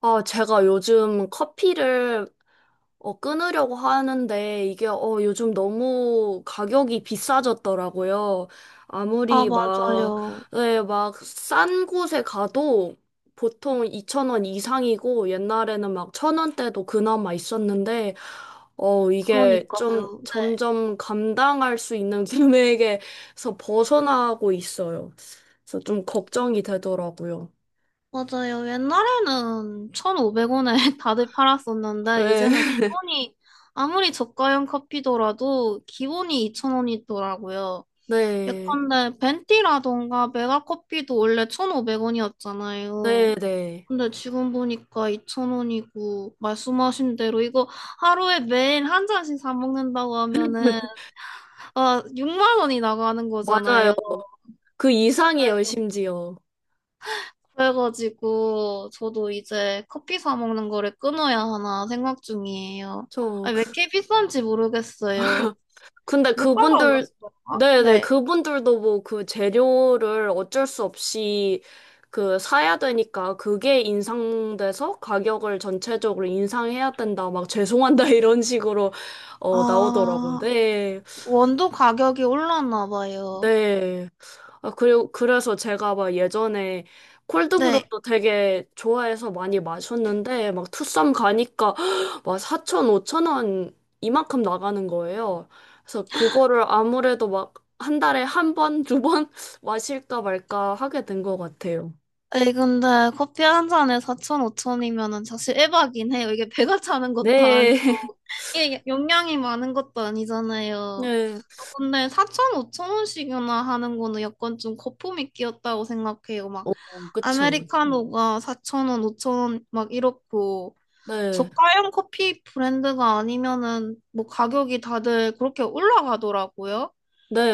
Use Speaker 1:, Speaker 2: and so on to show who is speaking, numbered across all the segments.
Speaker 1: 아, 제가 요즘 커피를 끊으려고 하는데 이게 요즘 너무 가격이 비싸졌더라고요.
Speaker 2: 아,
Speaker 1: 아무리 막,
Speaker 2: 맞아요.
Speaker 1: 네, 막싼 곳에 가도 보통 2,000원 이상이고 옛날에는 막 1,000원대도 그나마 있었는데 이게 좀
Speaker 2: 그러니까요. 네.
Speaker 1: 점점 감당할 수 있는 금액에서 벗어나고 있어요. 그래서 좀 걱정이 되더라고요.
Speaker 2: 맞아요. 옛날에는 1,500원에 다들 팔았었는데,
Speaker 1: 네.
Speaker 2: 이제는 기본이, 아무리 저가형 커피더라도 기본이 2,000원이더라고요.
Speaker 1: 네.
Speaker 2: 예컨대 벤티라던가 메가커피도 원래 1,500원이었잖아요.
Speaker 1: 네, 네.
Speaker 2: 근데 지금 보니까 2,000원이고, 말씀하신 대로 이거 하루에 매일 한 잔씩 사 먹는다고 하면은, 아, 6만 원이 나가는
Speaker 1: 맞아요.
Speaker 2: 거잖아요.
Speaker 1: 그 이상이에요, 심지어.
Speaker 2: 그래가지고 저도 이제 커피 사 먹는 거를 끊어야 하나 생각 중이에요.
Speaker 1: 저,
Speaker 2: 아니, 왜 이렇게 비싼지 모르겠어요.
Speaker 1: 근데
Speaker 2: 물가가 올랐을
Speaker 1: 그분들,
Speaker 2: 건가?
Speaker 1: 네네,
Speaker 2: 네.
Speaker 1: 그분들도 뭐 그 재료를 어쩔 수 없이 그 사야 되니까 그게 인상돼서 가격을 전체적으로 인상해야 된다. 막 죄송한다, 이런 식으로, 나오더라고요.
Speaker 2: 아,
Speaker 1: 네,
Speaker 2: 원두 가격이 올랐나 봐요.
Speaker 1: 네. 아, 그리고 그래서 제가 막 예전에
Speaker 2: 네.
Speaker 1: 콜드브루도 되게 좋아해서 많이 마셨는데 막 투썸 가니까 막 사천 5천 원 이만큼 나가는 거예요. 그래서 그거를 아무래도 막 한 달에 한 번, 두 번 마실까 말까 하게 된 것 같아요.
Speaker 2: 아니, 근데 커피 한 잔에 4천, 5천이면은 사실 에바긴 해요. 이게 배가 차는 것도
Speaker 1: 네.
Speaker 2: 아니고, 이게 용량이 많은 것도 아니잖아요.
Speaker 1: 네.
Speaker 2: 저 근데 4천, 5천 원씩이나 하는 거는 약간 좀 거품이 끼었다고 생각해요. 막
Speaker 1: 어, 그쵸.
Speaker 2: 아메리카노가 4,000원, 5,000원 막 이렇고
Speaker 1: 네.
Speaker 2: 저가형 커피 브랜드가 아니면은 뭐 가격이 다들 그렇게 올라가더라고요.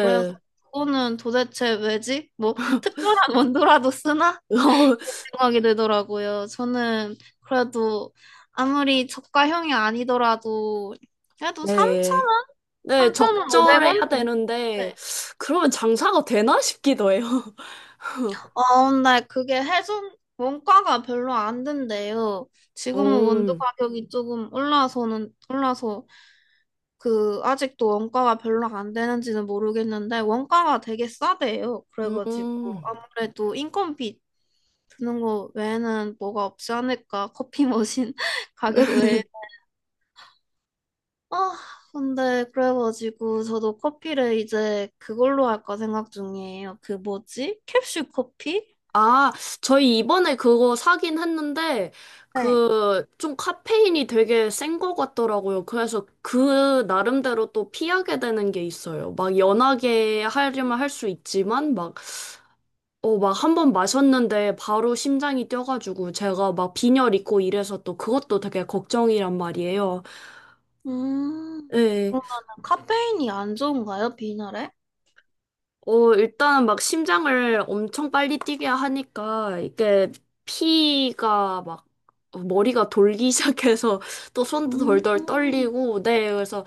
Speaker 2: 그래서 그거는 도대체 왜지? 뭐 특별한 원두라도 쓰나? 생각이 들더라고요. 저는 그래도 아무리 저가형이 아니더라도 그래도
Speaker 1: 네.
Speaker 2: 3,000원?
Speaker 1: 네, 적절해야
Speaker 2: 3,500원?
Speaker 1: 되는데 그러면 장사가 되나 싶기도 해요.
Speaker 2: 아, 근데 그게 해손 원가가 별로 안 된대요. 지금은 원두
Speaker 1: 어.
Speaker 2: 가격이 조금 올라서, 그, 아직도 원가가 별로 안 되는지는 모르겠는데, 원가가 되게 싸대요. 그래가지고,
Speaker 1: 음.
Speaker 2: 아무래도 인건비 드는 거 외에는 뭐가 없지 않을까. 커피 머신 가격 외에. 아, 근데 그래가지고, 저도 커피를 이제 그걸로 할까 생각 중이에요. 그 뭐지? 캡슐 커피?
Speaker 1: 아, 저희 이번에 그거 사긴 했는데,
Speaker 2: 네.
Speaker 1: 그, 좀 카페인이 되게 센 것 같더라고요. 그래서 그 나름대로 또 피하게 되는 게 있어요. 막 연하게 하려면 할 수 있지만, 막, 막 한번 마셨는데 바로 심장이 뛰어가지고 제가 막 빈혈 있고 이래서 또 그것도 되게 걱정이란 말이에요.
Speaker 2: 음,
Speaker 1: 예.
Speaker 2: 그러면 카페인이 안 좋은가요, 비나래?
Speaker 1: 일단은 막 심장을 엄청 빨리 뛰게 하니까 이게 피가 막 머리가 돌기 시작해서 또 손도 덜덜
Speaker 2: 음,
Speaker 1: 떨리고, 네, 그래서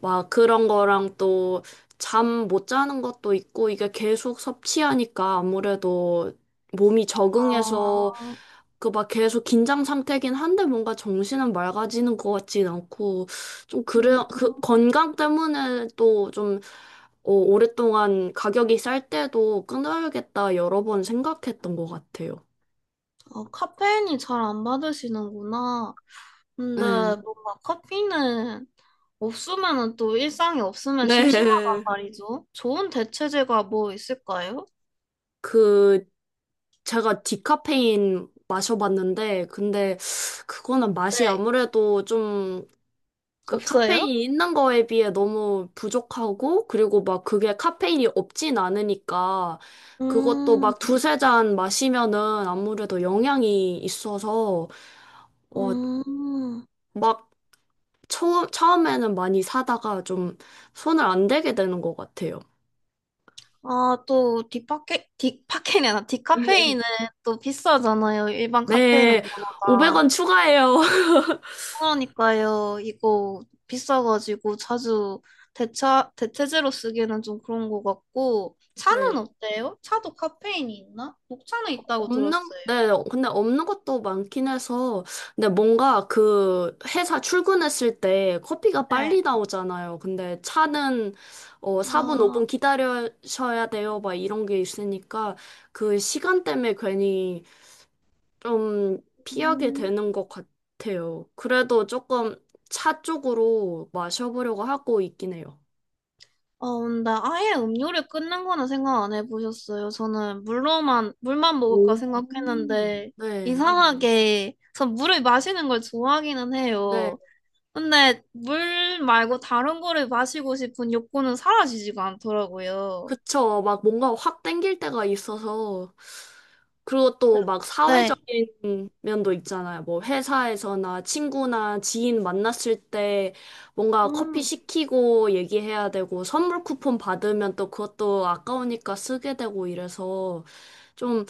Speaker 1: 막 그런 거랑 또 잠 못 자는 것도 있고 이게 계속 섭취하니까 아무래도 몸이 적응해서
Speaker 2: 아,
Speaker 1: 그 막 계속 긴장 상태긴 한데 뭔가 정신은 맑아지는 것 같진 않고 좀 그래
Speaker 2: 음,
Speaker 1: 그 건강 때문에 또좀 오랫동안 가격이 쌀 때도 끊어야겠다 여러 번 생각했던 것 같아요.
Speaker 2: 카페인이 잘 안 받으시는구나. 근데
Speaker 1: 네.
Speaker 2: 뭔가 커피는 없으면은 또 일상이 없으면 심심하단
Speaker 1: 네.
Speaker 2: 말이죠. 좋은 대체제가 뭐 있을까요?
Speaker 1: 그 제가 디카페인 마셔봤는데 근데 그거는 맛이
Speaker 2: 네,
Speaker 1: 아무래도 좀 그
Speaker 2: 없어요?
Speaker 1: 카페인이 있는 거에 비해 너무 부족하고 그리고 막 그게 카페인이 없진 않으니까 그것도
Speaker 2: 음,
Speaker 1: 막 두세 잔 마시면은 아무래도 영향이 있어서 어
Speaker 2: 음.
Speaker 1: 막 처음에는 많이 사다가 좀 손을 안 대게 되는 것 같아요.
Speaker 2: 아, 또 디파케, 디파케이 아니라 디카페인은 또 비싸잖아요. 일반 카페인은
Speaker 1: 네,
Speaker 2: 보다.
Speaker 1: 500원 추가해요.
Speaker 2: 그러니까요. 이거 비싸가지고 자주 대체제로 쓰기에는 좀 그런 것 같고.
Speaker 1: 네,
Speaker 2: 차는 어때요? 차도 카페인이 있나? 녹차는 있다고
Speaker 1: 없는,
Speaker 2: 들었어요.
Speaker 1: 네, 근데 없는 것도 많긴 해서, 근데 뭔가 그 회사 출근했을 때 커피가
Speaker 2: 네.
Speaker 1: 빨리 나오잖아요. 근데 차는 4분,
Speaker 2: 아,
Speaker 1: 5분 기다려셔야 돼요. 막 이런 게 있으니까 그 시간 때문에 괜히 좀 피하게
Speaker 2: 음,
Speaker 1: 되는 것 같아요. 그래도 조금 차 쪽으로 마셔보려고 하고 있긴 해요.
Speaker 2: 데 아예 음료를 끊는 거는 생각 안 해보셨어요? 저는 물로만, 물만
Speaker 1: 오.
Speaker 2: 먹을까 생각했는데,
Speaker 1: 네,
Speaker 2: 이상하게, 전 물을 마시는 걸 좋아하기는
Speaker 1: 네,
Speaker 2: 해요. 근데 물 말고 다른 거를 마시고 싶은 욕구는 사라지지가 않더라고요.
Speaker 1: 그쵸. 막 뭔가 확 땡길 때가 있어서, 그리고 또 막
Speaker 2: 네,
Speaker 1: 사회적인 면도 있잖아요. 뭐 회사에서나 친구나 지인 만났을 때 뭔가 커피
Speaker 2: 음,
Speaker 1: 시키고 얘기해야 되고, 선물 쿠폰 받으면 또 그것도 아까우니까 쓰게 되고 이래서 좀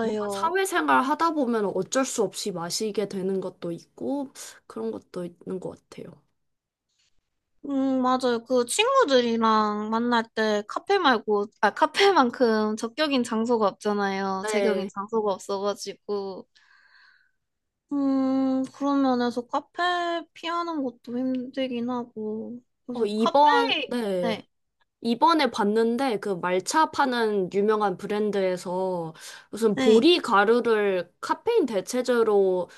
Speaker 1: 뭔가 사회생활 하다 보면 어쩔 수 없이 마시게 되는 것도 있고 그런 것도 있는 것 같아요.
Speaker 2: 맞아요. 그 친구들이랑 만날 때 카페 말고, 아, 카페만큼 적격인 장소가 없잖아요. 제격인
Speaker 1: 네.
Speaker 2: 장소가 없어가지고. 그런 면에서 카페 피하는 것도 힘들긴 하고. 그래서 카페,
Speaker 1: 이번, 네.
Speaker 2: 네,
Speaker 1: 이번에 봤는데 그 말차 파는 유명한 브랜드에서 무슨
Speaker 2: 네.
Speaker 1: 보리 가루를 카페인 대체제로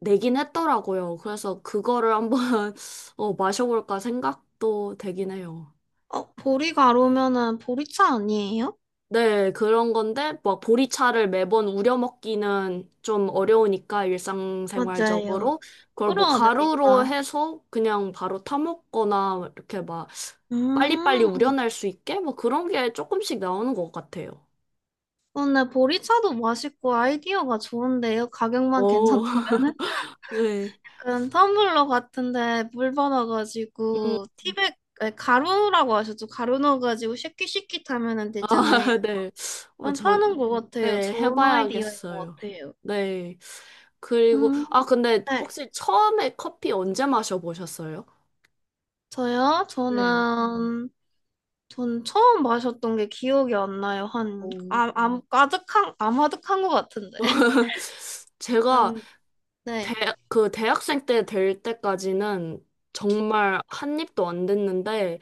Speaker 1: 내긴 했더라고요. 그래서 그거를 한번 마셔볼까 생각도 되긴 해요.
Speaker 2: 보리 가루면은 보리차 아니에요?
Speaker 1: 네, 그런 건데, 뭐, 보리차를 매번 우려 먹기는 좀 어려우니까,
Speaker 2: 맞아요.
Speaker 1: 일상생활적으로. 그걸 뭐,
Speaker 2: 끓여야
Speaker 1: 가루로
Speaker 2: 되니까.
Speaker 1: 해서 그냥 바로 타먹거나, 이렇게 막, 빨리빨리
Speaker 2: 음,
Speaker 1: 우려낼 수 있게? 뭐, 그런 게 조금씩 나오는 것 같아요.
Speaker 2: 근데 보리차도 맛있고 아이디어가 좋은데요. 가격만
Speaker 1: 어,
Speaker 2: 괜찮다면은?
Speaker 1: 네.
Speaker 2: 약간 텀블러 같은데 물
Speaker 1: 음,
Speaker 2: 받아가지고 티백 아니, 가루라고 하셨죠? 가루 넣어가지고 쉐킷쉐킷 하면은
Speaker 1: 아,
Speaker 2: 되잖아요.
Speaker 1: 네. 저,
Speaker 2: 괜찮은 것 같아요.
Speaker 1: 네,
Speaker 2: 좋은 아이디어인 것
Speaker 1: 해봐야겠어요.
Speaker 2: 같아요.
Speaker 1: 네. 그리고,
Speaker 2: 음,
Speaker 1: 아, 근데
Speaker 2: 네.
Speaker 1: 혹시 처음에 커피 언제 마셔보셨어요?
Speaker 2: 저요?
Speaker 1: 네.
Speaker 2: 저는 전 처음 마셨던 게 기억이 안 나요. 한
Speaker 1: 어.
Speaker 2: 아, 아, 아득한 아마득한 것 같은데.
Speaker 1: 제가
Speaker 2: 한
Speaker 1: 대,
Speaker 2: 네,
Speaker 1: 그 대학생 때 될 때까지는 정말 한 입도 안 됐는데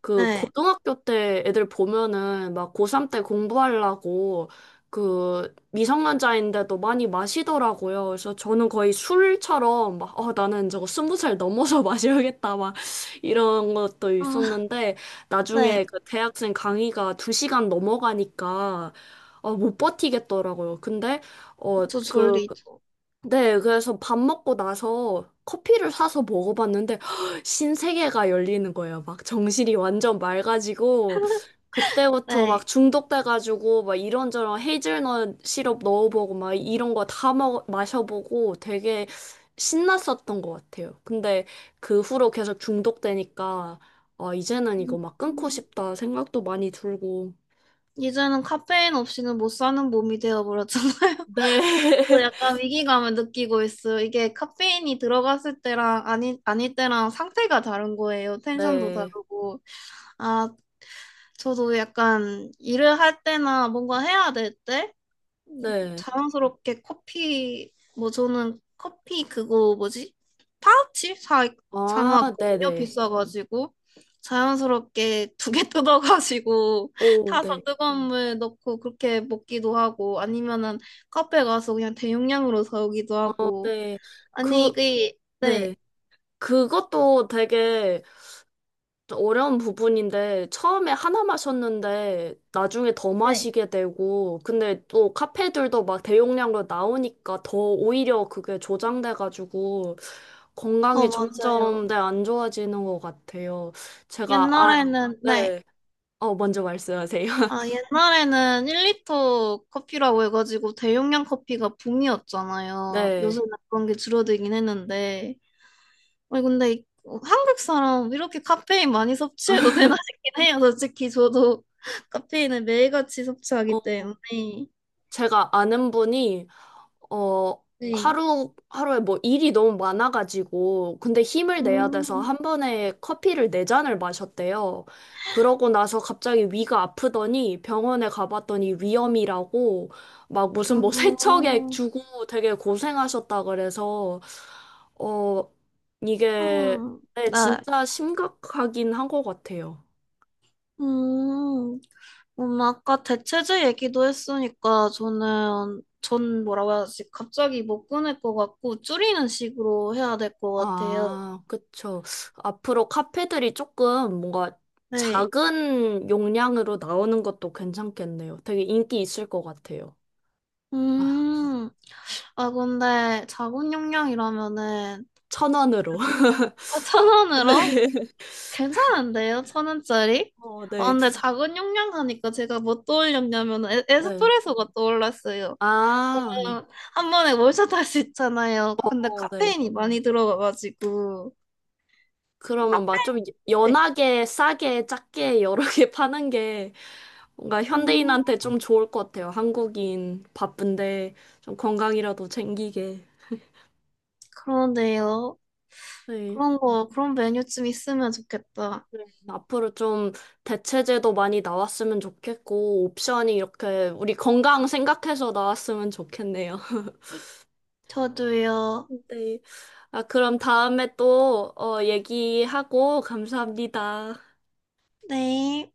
Speaker 1: 그
Speaker 2: 네,
Speaker 1: 고등학교 때 애들 보면은 막 고3 때 공부하려고 그 미성년자인데도 많이 마시더라고요. 그래서 저는 거의 술처럼 막, 나는 저거 스무 살 넘어서 마셔야겠다. 막 이런 것도
Speaker 2: 아,
Speaker 1: 있었는데
Speaker 2: 네,
Speaker 1: 나중에 그 대학생 강의가 두 시간 넘어가니까 못 버티겠더라고요. 근데
Speaker 2: 그쵸,
Speaker 1: 그
Speaker 2: 졸리죠.
Speaker 1: 네, 그래서 밥 먹고 나서 커피를 사서 먹어봤는데 신세계가 열리는 거예요. 막 정신이 완전 맑아지고 그때부터 막
Speaker 2: 네.
Speaker 1: 중독돼가지고 막 이런저런 헤이즐넛 시럽 넣어보고 막 이런 거 다 먹 마셔보고 되게 신났었던 것 같아요. 근데 그 후로 계속 중독되니까 아, 이제는 이거 막 끊고
Speaker 2: 음,
Speaker 1: 싶다 생각도 많이 들고.
Speaker 2: 이제는 카페인 없이는 못 사는 몸이 되어버렸잖아요.
Speaker 1: 네.
Speaker 2: 저도 약간 위기감을 느끼고 있어요. 이게 카페인이 들어갔을 때랑 아니, 아닐 때랑 상태가 다른 거예요. 텐션도
Speaker 1: 네.
Speaker 2: 다르고. 아, 저도 약간 일을 할 때나 뭔가 해야 될 때?
Speaker 1: 네.
Speaker 2: 자랑스럽게 커피 뭐 저는 커피 그거 뭐지? 파우치 사
Speaker 1: 아,
Speaker 2: 사놓았거든요.
Speaker 1: 네네.
Speaker 2: 비싸가지고 자연스럽게 두 개 뜯어가지고
Speaker 1: 오, 네.
Speaker 2: 타서 뜨거운 물 넣고 그렇게 먹기도 하고 아니면은 카페 가서 그냥 대용량으로 사오기도
Speaker 1: 어,
Speaker 2: 하고
Speaker 1: 네.
Speaker 2: 아니
Speaker 1: 그,
Speaker 2: 이게
Speaker 1: 네.
Speaker 2: 네.
Speaker 1: 그것도 되게 좀 어려운 부분인데, 처음에 하나 마셨는데, 나중에 더
Speaker 2: 네.
Speaker 1: 마시게 되고, 근데 또 카페들도 막 대용량으로 나오니까 더 오히려 그게 조장돼가지고, 건강이
Speaker 2: 맞아요.
Speaker 1: 점점, 네, 안 좋아지는 것 같아요. 제가, 아,
Speaker 2: 옛날에는 네.
Speaker 1: 네. 먼저 말씀하세요.
Speaker 2: 아, 옛날에는 1리터 커피라고 해가지고 대용량 커피가 붐이었잖아요.
Speaker 1: 네.
Speaker 2: 요즘은 그런 게 줄어들긴 했는데. 아니, 근데 한국 사람 이렇게 카페인 많이 섭취해도 되나 싶긴 해요. 솔직히 저도 카페인을 매일같이
Speaker 1: 어,
Speaker 2: 섭취하기 때문에.
Speaker 1: 제가 아는 분이 어
Speaker 2: 네.
Speaker 1: 하루 하루에 뭐 일이 너무 많아가지고 근데 힘을 내야 돼서
Speaker 2: 음,
Speaker 1: 한 번에 커피를 네 잔을 마셨대요. 그러고 나서 갑자기 위가 아프더니 병원에 가봤더니 위염이라고 막
Speaker 2: 아,
Speaker 1: 무슨 뭐 세척액 주고 되게 고생하셨다 그래서 어 이게
Speaker 2: 음,
Speaker 1: 네,
Speaker 2: 나,
Speaker 1: 진짜 심각하긴 한 것 같아요.
Speaker 2: 음, 아까 대체제 얘기도 했으니까 저는 전 뭐라고 해야지 갑자기 못 끊을 것 같고 줄이는 식으로 해야 될 것 같아요.
Speaker 1: 아, 그쵸. 앞으로 카페들이 조금 뭔가
Speaker 2: 네.
Speaker 1: 작은 용량으로 나오는 것도 괜찮겠네요. 되게 인기 있을 것 같아요. 아,
Speaker 2: 음. 아 근데 자본 용량이라면은
Speaker 1: 천 원으로.
Speaker 2: 아, 천
Speaker 1: 네.
Speaker 2: 원으로 괜찮은데요? 1,000원짜리?
Speaker 1: 어,
Speaker 2: 아
Speaker 1: 네.
Speaker 2: 근데 작은 용량 하니까 제가 뭐 떠올렸냐면
Speaker 1: 네.
Speaker 2: 에스프레소가 떠올랐어요.
Speaker 1: 아, 네.
Speaker 2: 그냥 한 번에 몰샷 할 수 있잖아요. 근데
Speaker 1: 어, 네.
Speaker 2: 카페인이 많이 들어가가지고
Speaker 1: 그러면 막
Speaker 2: 카페인.
Speaker 1: 좀
Speaker 2: 네.
Speaker 1: 연하게, 싸게, 작게 여러 개 파는 게 뭔가
Speaker 2: 음.
Speaker 1: 현대인한테 좀 좋을 것 같아요. 한국인 바쁜데 좀 건강이라도 챙기게.
Speaker 2: 그런데요.
Speaker 1: 네.
Speaker 2: 그런 거, 그런 메뉴 좀 있으면 좋겠다.
Speaker 1: 네. 앞으로 좀 대체제도 많이 나왔으면 좋겠고, 옵션이 이렇게 우리 건강 생각해서 나왔으면 좋겠네요.
Speaker 2: 저도요.
Speaker 1: 네. 아, 그럼 다음에 또, 얘기하고, 감사합니다.
Speaker 2: 네.